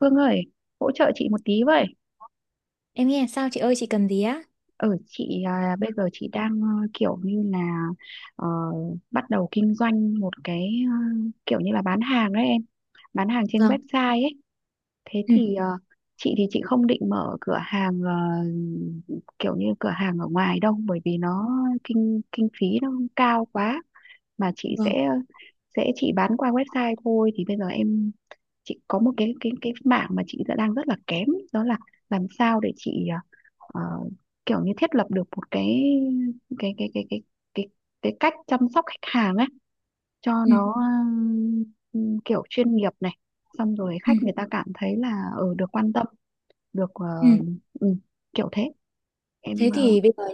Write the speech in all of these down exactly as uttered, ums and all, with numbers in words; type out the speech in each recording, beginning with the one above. Phương ơi, hỗ trợ chị một tí vậy. Em nghe sao chị ơi chị cần gì á? Ừ, chị à, bây giờ chị đang ờ, kiểu như là ờ, bắt đầu kinh doanh một cái ờ, kiểu như là bán hàng đấy em, bán hàng trên Vâng, website ấy. Thế ừ, thì ờ, chị thì chị không định mở cửa hàng, ờ, kiểu như cửa hàng ở ngoài đâu, bởi vì nó kinh kinh phí nó cao quá, mà chị vâng, sẽ sẽ chị bán qua website thôi. Thì bây giờ em, chị có một cái cái cái mảng mà chị đã đang rất là kém, đó là làm sao để chị ờ, ờ, kiểu như thiết lập được một cái cái cái cái cái cái cái cách chăm sóc khách hàng ấy cho ừ, nó ừm, kiểu chuyên nghiệp này, xong rồi ừ, khách người ta cảm thấy là ở được quan tâm, được ờ, ừ. ừ, kiểu thế em. Thế ờ, thì bây giờ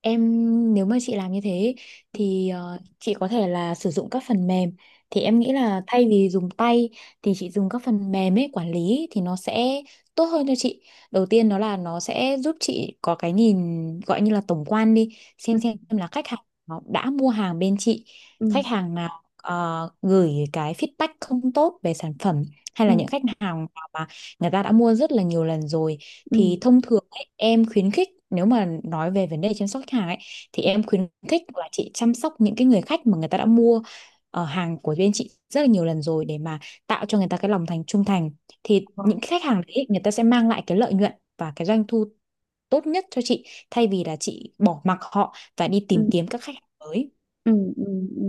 em Nếu mà chị làm như thế ừ, thì ờ, chị có thể là sử dụng các phần mềm, thì em nghĩ là thay vì dùng tay thì chị dùng các phần mềm ấy quản lý thì nó sẽ tốt hơn cho chị. Đầu tiên đó là nó sẽ giúp chị có cái nhìn gọi như là tổng quan đi, ừ, xem xem là khách hàng nó đã mua hàng bên chị, ừ, khách hàng nào ờ, gửi cái feedback không tốt về sản phẩm, hay ừ, là những khách hàng nào mà người ta đã mua rất là nhiều lần rồi. ừ, Thì thông thường ấy, em khuyến khích nếu mà nói về vấn đề chăm sóc khách hàng ấy, thì ừ, em khuyến khích là chị chăm sóc những cái người khách mà người ta đã mua ờ, hàng của bên chị rất là nhiều lần rồi, để mà tạo cho người ta cái lòng thành trung thành. Thì ừ, những cái khách hàng đấy người ta sẽ mang lại cái lợi nhuận và cái doanh thu tốt nhất cho chị, thay vì là chị bỏ mặc họ và đi ừ, tìm kiếm các khách hàng mới. Ừ, ừ, ừ.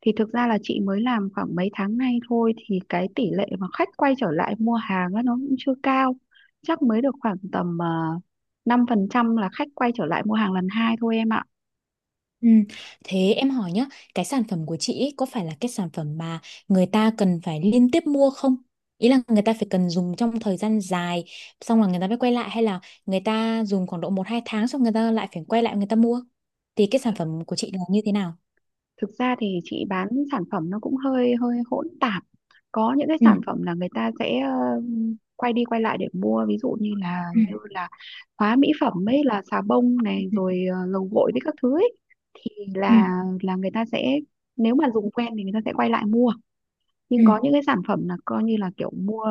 Thì thực ra là chị mới làm khoảng mấy tháng nay thôi, thì cái tỷ lệ mà khách quay trở lại mua hàng á, nó cũng chưa cao, chắc mới được khoảng tầm uh, năm phần trăm là khách quay trở lại mua hàng lần hai thôi em ạ. Ừ. Thế em hỏi nhá, cái sản phẩm của chị ý, có phải là cái sản phẩm mà người ta cần phải liên tiếp mua không? Ý là người ta phải cần dùng trong thời gian dài, xong là người ta mới quay lại, hay là người ta dùng khoảng độ một hai tháng xong người ta lại phải quay lại người ta mua? Thì cái sản phẩm của chị là như thế nào? Thực ra thì chị bán sản phẩm nó cũng hơi hơi hỗn tạp, có những cái Ừ. sản phẩm là người ta sẽ ờ, quay đi quay lại để mua, ví dụ như là Ừ. như là hóa mỹ phẩm ấy, là xà bông này Ừ. rồi ờ, dầu gội với các thứ ấy, thì Ừ. là là người ta sẽ, nếu mà dùng quen thì người ta sẽ quay lại mua. Ừ. Nhưng có những cái sản phẩm là coi như là kiểu mua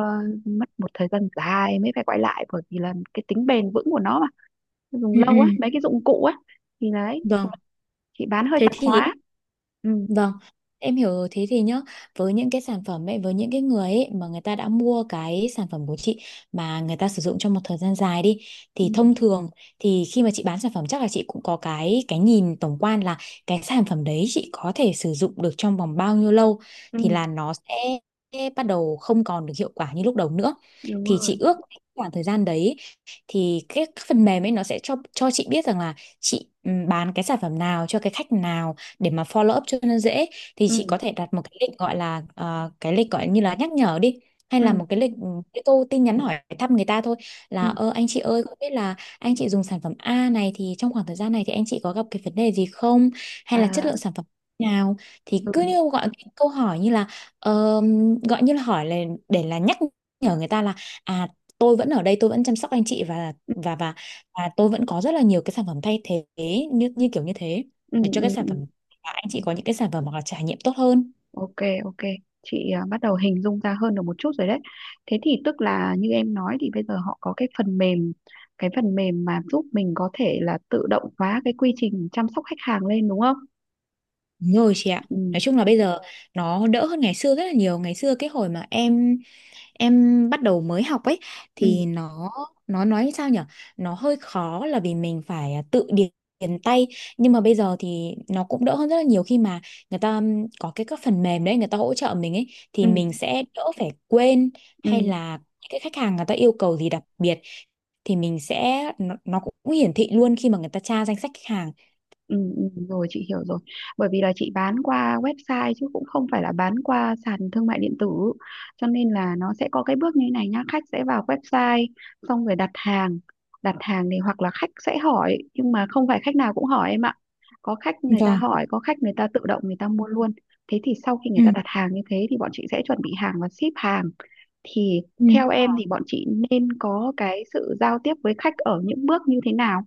mất một thời gian dài mới phải quay lại, bởi vì là cái tính bền vững của nó mà, dùng Ừ. lâu á, Ừ. mấy cái dụng cụ á, thì đấy, Vâng, chị bán hơi thế tạp thì hóa. Ừ. vâng, em hiểu rồi. Thế thì nhá, với những cái sản phẩm ấy, với những cái người ấy mà người ta đã mua cái sản phẩm của chị mà người ta sử dụng trong một thời gian dài đi, Ừ. thì thông thường thì khi mà chị bán sản phẩm chắc là chị cũng có cái cái nhìn tổng quan là cái sản phẩm đấy chị có thể sử dụng được trong vòng bao nhiêu lâu Ừ, thì là nó sẽ bắt đầu không còn được hiệu quả như lúc đầu nữa. đúng Thì chị rồi. ước khoảng thời gian đấy thì cái phần mềm ấy nó sẽ cho cho chị biết rằng là chị ừ, bán cái sản phẩm nào cho cái khách nào để mà follow up cho nó dễ. Thì Ừ, chị có thể đặt một cái lịch gọi là ờ, cái lịch gọi như là nhắc nhở đi, hay là ừ, một cái lịch ừ, cái câu tin nhắn hỏi thăm người ta thôi, ừ. là ơ anh chị ơi không biết là anh chị dùng sản phẩm A này thì trong khoảng thời gian này thì anh chị có gặp cái vấn đề gì không, hay là chất À, lượng sản phẩm nào. Thì ừ, cứ như gọi cái câu hỏi như là ờ, gọi như là hỏi là để là nhắc nhở người ta là à, tôi vẫn ở đây tôi vẫn chăm sóc anh chị và ừ, và và và tôi vẫn có rất là nhiều cái sản phẩm thay thế, như như kiểu như thế, ừ, để cho ừ. cái Ừ, sản phẩm và anh ừ. chị có những cái sản phẩm hoặc là trải nghiệm tốt hơn. Ok, ok. Chị à, bắt đầu hình dung ra hơn được một chút rồi đấy. Thế thì tức là như em nói thì bây giờ họ có cái phần mềm, cái phần mềm mà giúp mình có thể là tự động hóa cái quy trình chăm sóc khách hàng lên, đúng không? Đúng rồi chị ạ, Ừ, nói chung là bây giờ nó đỡ hơn ngày xưa rất là nhiều. Ngày xưa cái hồi mà em em bắt đầu mới học ấy ừ, thì nó nó nói sao nhở, nó hơi khó là vì mình phải à, tự điền, điền tay, nhưng mà bây giờ thì nó cũng đỡ hơn rất là nhiều khi mà người ta có cái các phần mềm đấy người ta hỗ trợ mình ấy, thì ừ, mình sẽ đỡ phải quên, hay ừ. là cái khách hàng người ta yêu cầu gì đặc biệt thì mình sẽ nó, nó cũng hiển thị luôn khi mà người ta tra danh sách khách hàng. Ừ, ừ, rồi chị hiểu rồi. Bởi vì là chị bán qua website chứ cũng không phải là bán qua sàn thương mại điện tử, cho nên là nó sẽ có cái bước như thế này nhá: khách sẽ vào website, xong rồi đặt hàng. Đặt hàng thì hoặc là khách sẽ hỏi, nhưng mà không phải khách nào cũng hỏi em ạ, có khách người ta Vâng. hỏi, có khách người ta tự động người ta mua luôn. Thế thì sau khi người Ừ, ta đặt hàng như thế thì bọn chị sẽ chuẩn bị hàng và ship hàng, thì ừ, theo em thì bọn chị nên có cái sự giao tiếp với khách ở những bước như thế nào,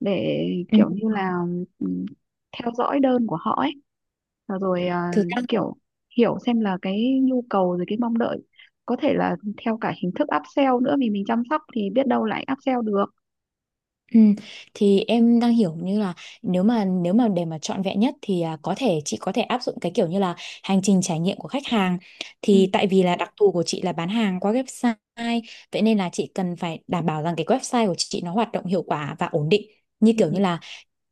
để ừ. kiểu như là ừm, theo dõi đơn của họ ấy, và rồi à, Thực ra kiểu hiểu xem là cái nhu cầu rồi cái mong đợi, có thể là theo cả hình thức upsell nữa, vì mình chăm sóc thì biết đâu lại upsell được. ừ. Thì em đang hiểu như là nếu mà nếu mà để mà trọn vẹn nhất thì à, có thể chị có thể áp dụng cái kiểu như là hành trình trải nghiệm của khách hàng, Ừ, thì tại vì là đặc thù của chị là bán hàng qua website, vậy nên là chị cần phải đảm bảo rằng cái website của chị nó hoạt động hiệu quả và ổn định. Như ừ, kiểu như là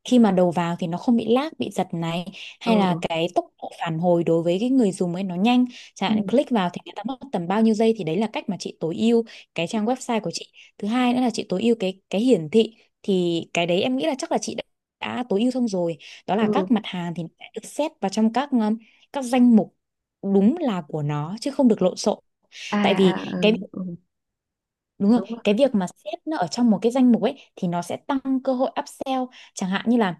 khi mà đầu vào thì nó không bị lag bị giật này, hay là ừ, cái tốc độ phản hồi đối với cái người dùng ấy nó nhanh, chẳng ừ, hạn click vào thì người ta mất tầm bao nhiêu giây, thì đấy là cách mà chị tối ưu cái trang website của chị. Thứ hai nữa là chị tối ưu cái cái hiển thị, thì cái đấy em nghĩ là chắc là chị đã, đã tối ưu xong rồi, đó là ừ, các mặt hàng thì nó sẽ được xét vào trong các um, các danh mục đúng là của nó chứ không được lộn xộn. à, Tại à, vì ừ, cái ừ, đúng rồi, đúng rồi, cái việc mà xếp nó ở trong một cái danh mục ấy thì nó sẽ tăng cơ hội upsell. Chẳng hạn như là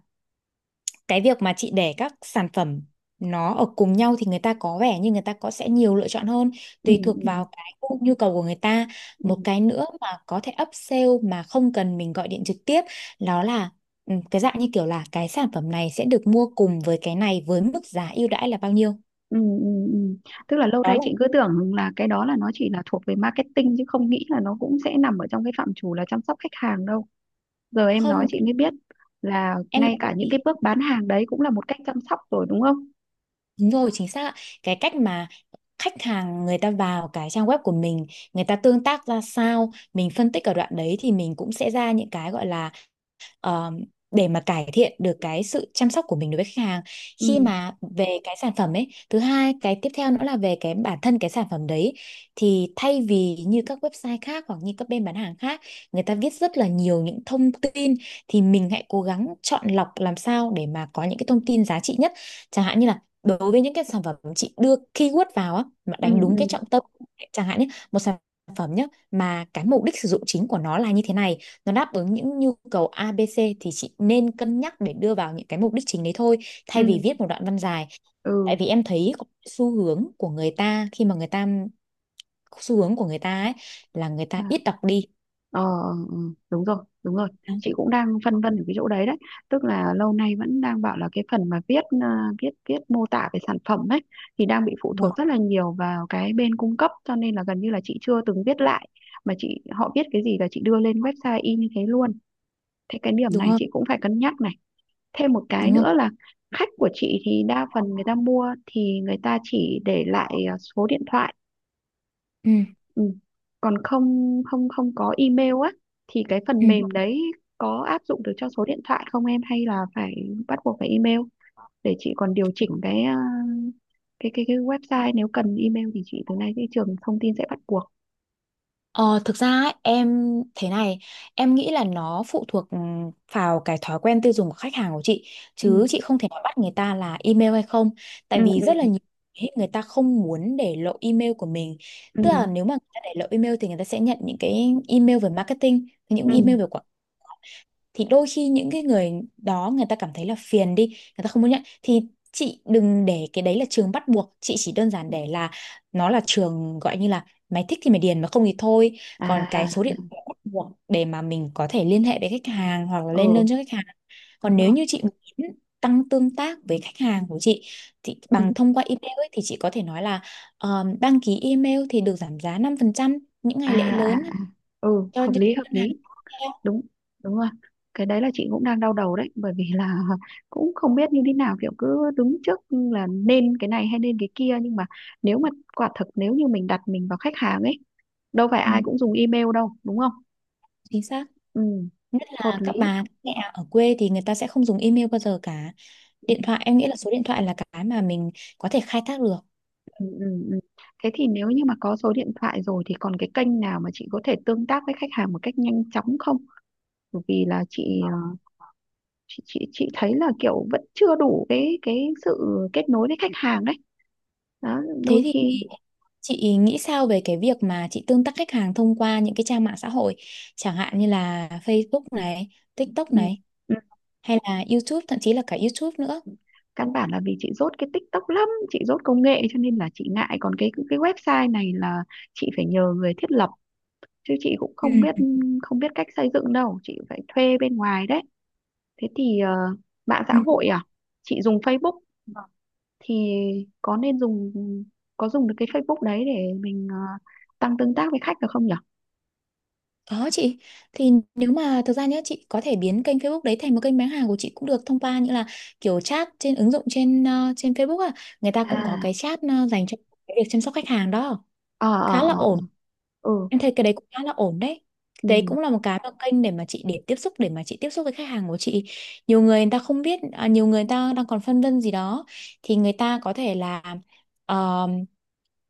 cái việc mà chị để các sản phẩm nó ở cùng nhau thì người ta có vẻ như người ta có sẽ nhiều lựa chọn hơn, ừ, tùy thuộc ừ, vào cái gu- nhu cầu của người ta. ừ, Một cái nữa mà có thể upsell mà không cần mình gọi điện trực tiếp, đó là ừ, cái dạng như kiểu là cái sản phẩm này sẽ được mua cùng với cái này với mức giá ưu đãi là bao nhiêu. ừ, ừ, ừ. Tức là lâu Đó nay là chị cứ tưởng là cái đó là nó chỉ là thuộc về marketing, chứ không nghĩ là nó cũng sẽ nằm ở trong cái phạm trù là chăm sóc khách hàng đâu. Giờ em nói Không chị mới biết là em, ngay cả những cái bước bán hàng đấy cũng là một cách chăm sóc rồi, đúng không? đúng rồi, chính xác ạ. Cái cách mà khách hàng người ta vào cái trang web của mình, người ta tương tác ra sao, mình phân tích ở đoạn đấy thì mình cũng sẽ ra những cái gọi là ờ, để mà cải thiện được cái sự chăm sóc của mình đối với khách hàng Ừ, khi mà về cái sản phẩm ấy. Thứ hai, cái tiếp theo nữa là về cái bản thân cái sản phẩm đấy, thì thay vì như các website khác hoặc như các bên bán hàng khác người ta viết rất là nhiều những thông tin, thì mình hãy cố gắng chọn lọc làm sao để mà có những cái thông tin giá trị nhất. Chẳng hạn như là đối với những cái sản phẩm chị đưa keyword vào á mà ừ, đánh đúng cái ừ, trọng tâm, chẳng hạn nhé, một sản phẩm nhé mà cái mục đích sử dụng chính của nó là như thế này, nó đáp ứng những nhu cầu a bê xê, thì chị nên cân nhắc để đưa vào những cái mục đích chính đấy thôi, ừ, thay vì viết một đoạn văn dài. ừ, Tại vì em thấy có xu hướng của người ta khi mà người ta xu hướng của người ta ấy là người ta à, ít đọc đi. ờ, ừ, đúng rồi, đúng rồi. Đấy, Chị cũng đang phân vân ở cái chỗ đấy đấy, tức là lâu nay vẫn đang bảo là cái phần mà viết à, viết viết mô tả về sản phẩm ấy, thì đang bị phụ đúng thuộc rất không, là nhiều vào cái bên cung cấp, cho nên là gần như là chị chưa từng viết lại, mà chị, họ viết cái gì là chị đưa lên website y như thế luôn. Thế cái điểm đúng này không, chị cũng phải cân nhắc này. Thêm một cái đúng không, nữa là khách của chị thì đa phần người ta mua thì người ta chỉ để lại à, số điện thoại. ừ. Ừ. Còn không không không có email á, thì cái phần Ừ. mềm đấy có áp dụng được cho số điện thoại không em, hay là phải bắt buộc phải email, để chị còn điều chỉnh cái à, cái cái cái website, nếu cần email thì chị từ nay cái trường thông tin sẽ bắt buộc. Ờ, thực ra ấy, em thế này, em nghĩ là nó phụ thuộc ừm, vào cái thói quen tiêu dùng của khách hàng của chị, Ừ, chứ chị không thể nói bắt người ta là email hay không. Tại ừ, vì ừ, rất là nhiều khi người ta không muốn để lộ email của mình, ừ, tức là nếu mà người ta để lộ email thì người ta sẽ nhận những cái email về marketing, những ừ, email về quảng, thì đôi khi những cái người đó người ta cảm thấy là phiền đi, người ta không muốn nhận, thì chị đừng để cái đấy là trường bắt buộc, chị chỉ đơn giản để là nó là trường gọi như là mày thích thì mày điền mà không thì thôi. Còn cái à, số điện thoại bắt buộc để mà mình có thể liên hệ với khách hàng hoặc là lên ừ, đơn cho khách hàng. Còn đúng rồi, nếu như chị muốn tăng tương tác với khách hàng của chị thì ừ. bằng thông qua email ấy, thì chị có thể nói là ờ, đăng ký email thì được giảm giá năm phần trăm những À, ngày lễ à, à. lớn, Ừ, cho hợp những lý, hợp ngân hàng lý, tiếp theo. đúng đúng rồi. Cái đấy là chị cũng đang đau đầu đấy, bởi vì là cũng không biết như thế nào, kiểu cứ đứng trước là nên cái này hay nên cái kia, nhưng mà nếu mà quả thực nếu như mình đặt mình vào khách hàng ấy, đâu phải Ừ, ai cũng dùng email đâu, đúng không? chính xác. Ừ, Nhất hợp là lý. các bà các mẹ ở quê thì người ta sẽ không dùng email bao giờ cả. Điện thoại em nghĩ là số điện thoại là cái mà mình có thể khai thác được. Ừ, ừ, ừ. Thế thì nếu như mà có số điện thoại rồi thì còn cái kênh nào mà chị có thể tương tác với khách hàng một cách nhanh chóng không, bởi vì là chị ờ, chị chị chị thấy là kiểu vẫn chưa đủ cái cái sự kết nối với khách hàng đấy, đó, Thế đôi thì khi. chị nghĩ sao về cái việc mà chị tương tác khách hàng thông qua những cái trang mạng xã hội, chẳng hạn như là Facebook này, TikTok Ừ. này, Ừ. hay là YouTube, thậm chí là cả YouTube nữa. Căn bản là vì chị dốt cái TikTok lắm, chị dốt công nghệ cho nên là chị ngại, còn cái cái website này là chị phải nhờ người thiết lập, chứ chị cũng Ừ. không biết, không biết cách xây dựng đâu, chị phải thuê bên ngoài đấy. Thế thì ờ, mạng xã Ừ. hội à? Chị dùng Facebook thì có nên dùng có dùng được cái Facebook đấy để mình ờ, tăng tương tác với khách được không nhỉ? Có chị, thì nếu mà thực ra nhé chị có thể biến kênh Facebook đấy thành một kênh bán hàng của chị cũng được, thông qua như là kiểu chat trên ứng dụng trên ờ, trên Facebook à, người ta cũng có À, cái chat ờ, dành cho cái việc chăm sóc khách hàng đó, ờ, ờ, khá là ờ. ổn. Ừ, Em thấy cái đấy cũng khá là ổn đấy. Đấy ừ, cũng là một cái mà kênh để mà chị để tiếp xúc để mà chị tiếp xúc với khách hàng của chị. Nhiều người người ta không biết, à, nhiều người ta đang còn phân vân gì đó thì người ta có thể là ờ,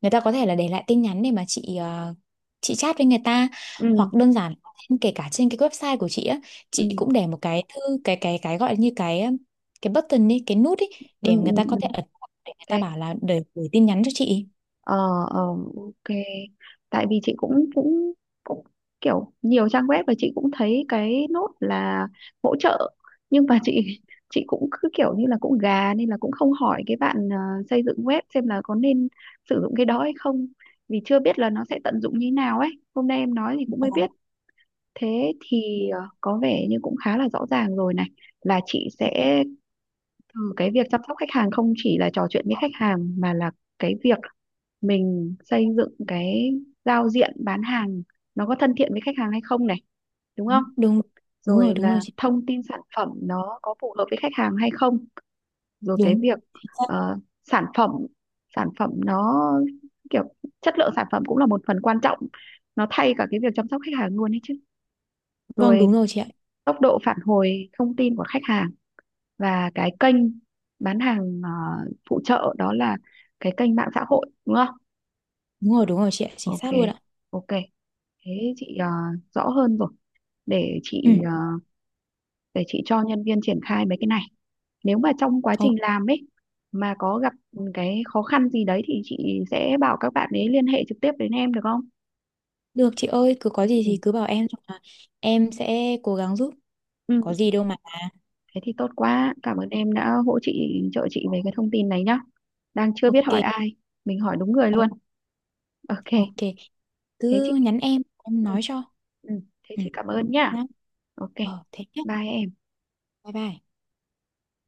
người ta có thể là để lại tin nhắn để mà chị ờ, chị chat với người ta, ừ, hoặc đơn giản trên- kể cả trên cái website của chị á, ừ, chị cũng để một cái thư cái cái cái gọi như cái cái button đi, cái nút ý, ừ, để ừ. người ta có thể Ừ. ấn vào để người ta Cái bảo là để gửi tin nhắn cho chị. ờ ờ, ok, tại vì chị cũng cũng cũng kiểu nhiều trang web và chị cũng thấy cái nốt là hỗ trợ, nhưng mà chị chị cũng cứ kiểu như là cũng gà, nên là cũng không hỏi cái bạn ờ, xây dựng web xem là có nên sử dụng cái đó hay không, vì chưa biết là nó sẽ tận dụng như thế nào ấy, hôm nay em nói thì cũng mới biết. Thế thì ờ, có vẻ như cũng khá là rõ ràng rồi này, là chị sẽ, ừ, cái việc chăm sóc khách hàng không chỉ là trò chuyện với khách hàng mà là cái việc mình xây dựng cái giao diện bán hàng nó có thân thiện với khách hàng hay không này, đúng không? Đúng, đúng, đúng rồi, Rồi đúng rồi là chị. thông tin sản phẩm nó có phù hợp với khách hàng hay không, rồi cái Đúng. việc ờ, sản phẩm sản phẩm nó kiểu chất lượng sản phẩm cũng là một phần quan trọng, nó thay cả cái việc chăm sóc khách hàng luôn ấy chứ. Vâng Rồi đúng rồi chị ạ. tốc độ phản hồi thông tin của khách hàng, và cái kênh bán hàng ờ, phụ trợ, đó là cái kênh mạng xã hội, đúng không? Đúng rồi đúng rồi chị ạ. Chính Ok, xác luôn ạ. ok. Thế chị ờ, rõ hơn rồi. Để Ừ. chị ờ, để chị cho nhân viên triển khai mấy cái này. Nếu mà trong quá Ồ, trình làm ấy mà có gặp cái khó khăn gì đấy thì chị sẽ bảo các bạn ấy liên hệ trực tiếp đến em được không? được chị ơi. Cứ có gì Ừ. thì cứ bảo em. Là em sẽ cố gắng giúp. Ừ. Có gì đâu mà. Thế thì tốt quá. Cảm ơn em đã hỗ chị trợ chị về cái thông tin này nhá. Đang chưa biết Ok. hỏi ai, mình hỏi đúng người luôn. O- Ok. ok. thế Cứ chị nhắn em. Em Ừ, nói cho. ừ, thế Ừ. chị cảm ơn nhá. Nhá. Ok, Ờ thế nhá. bye em. Bye bye.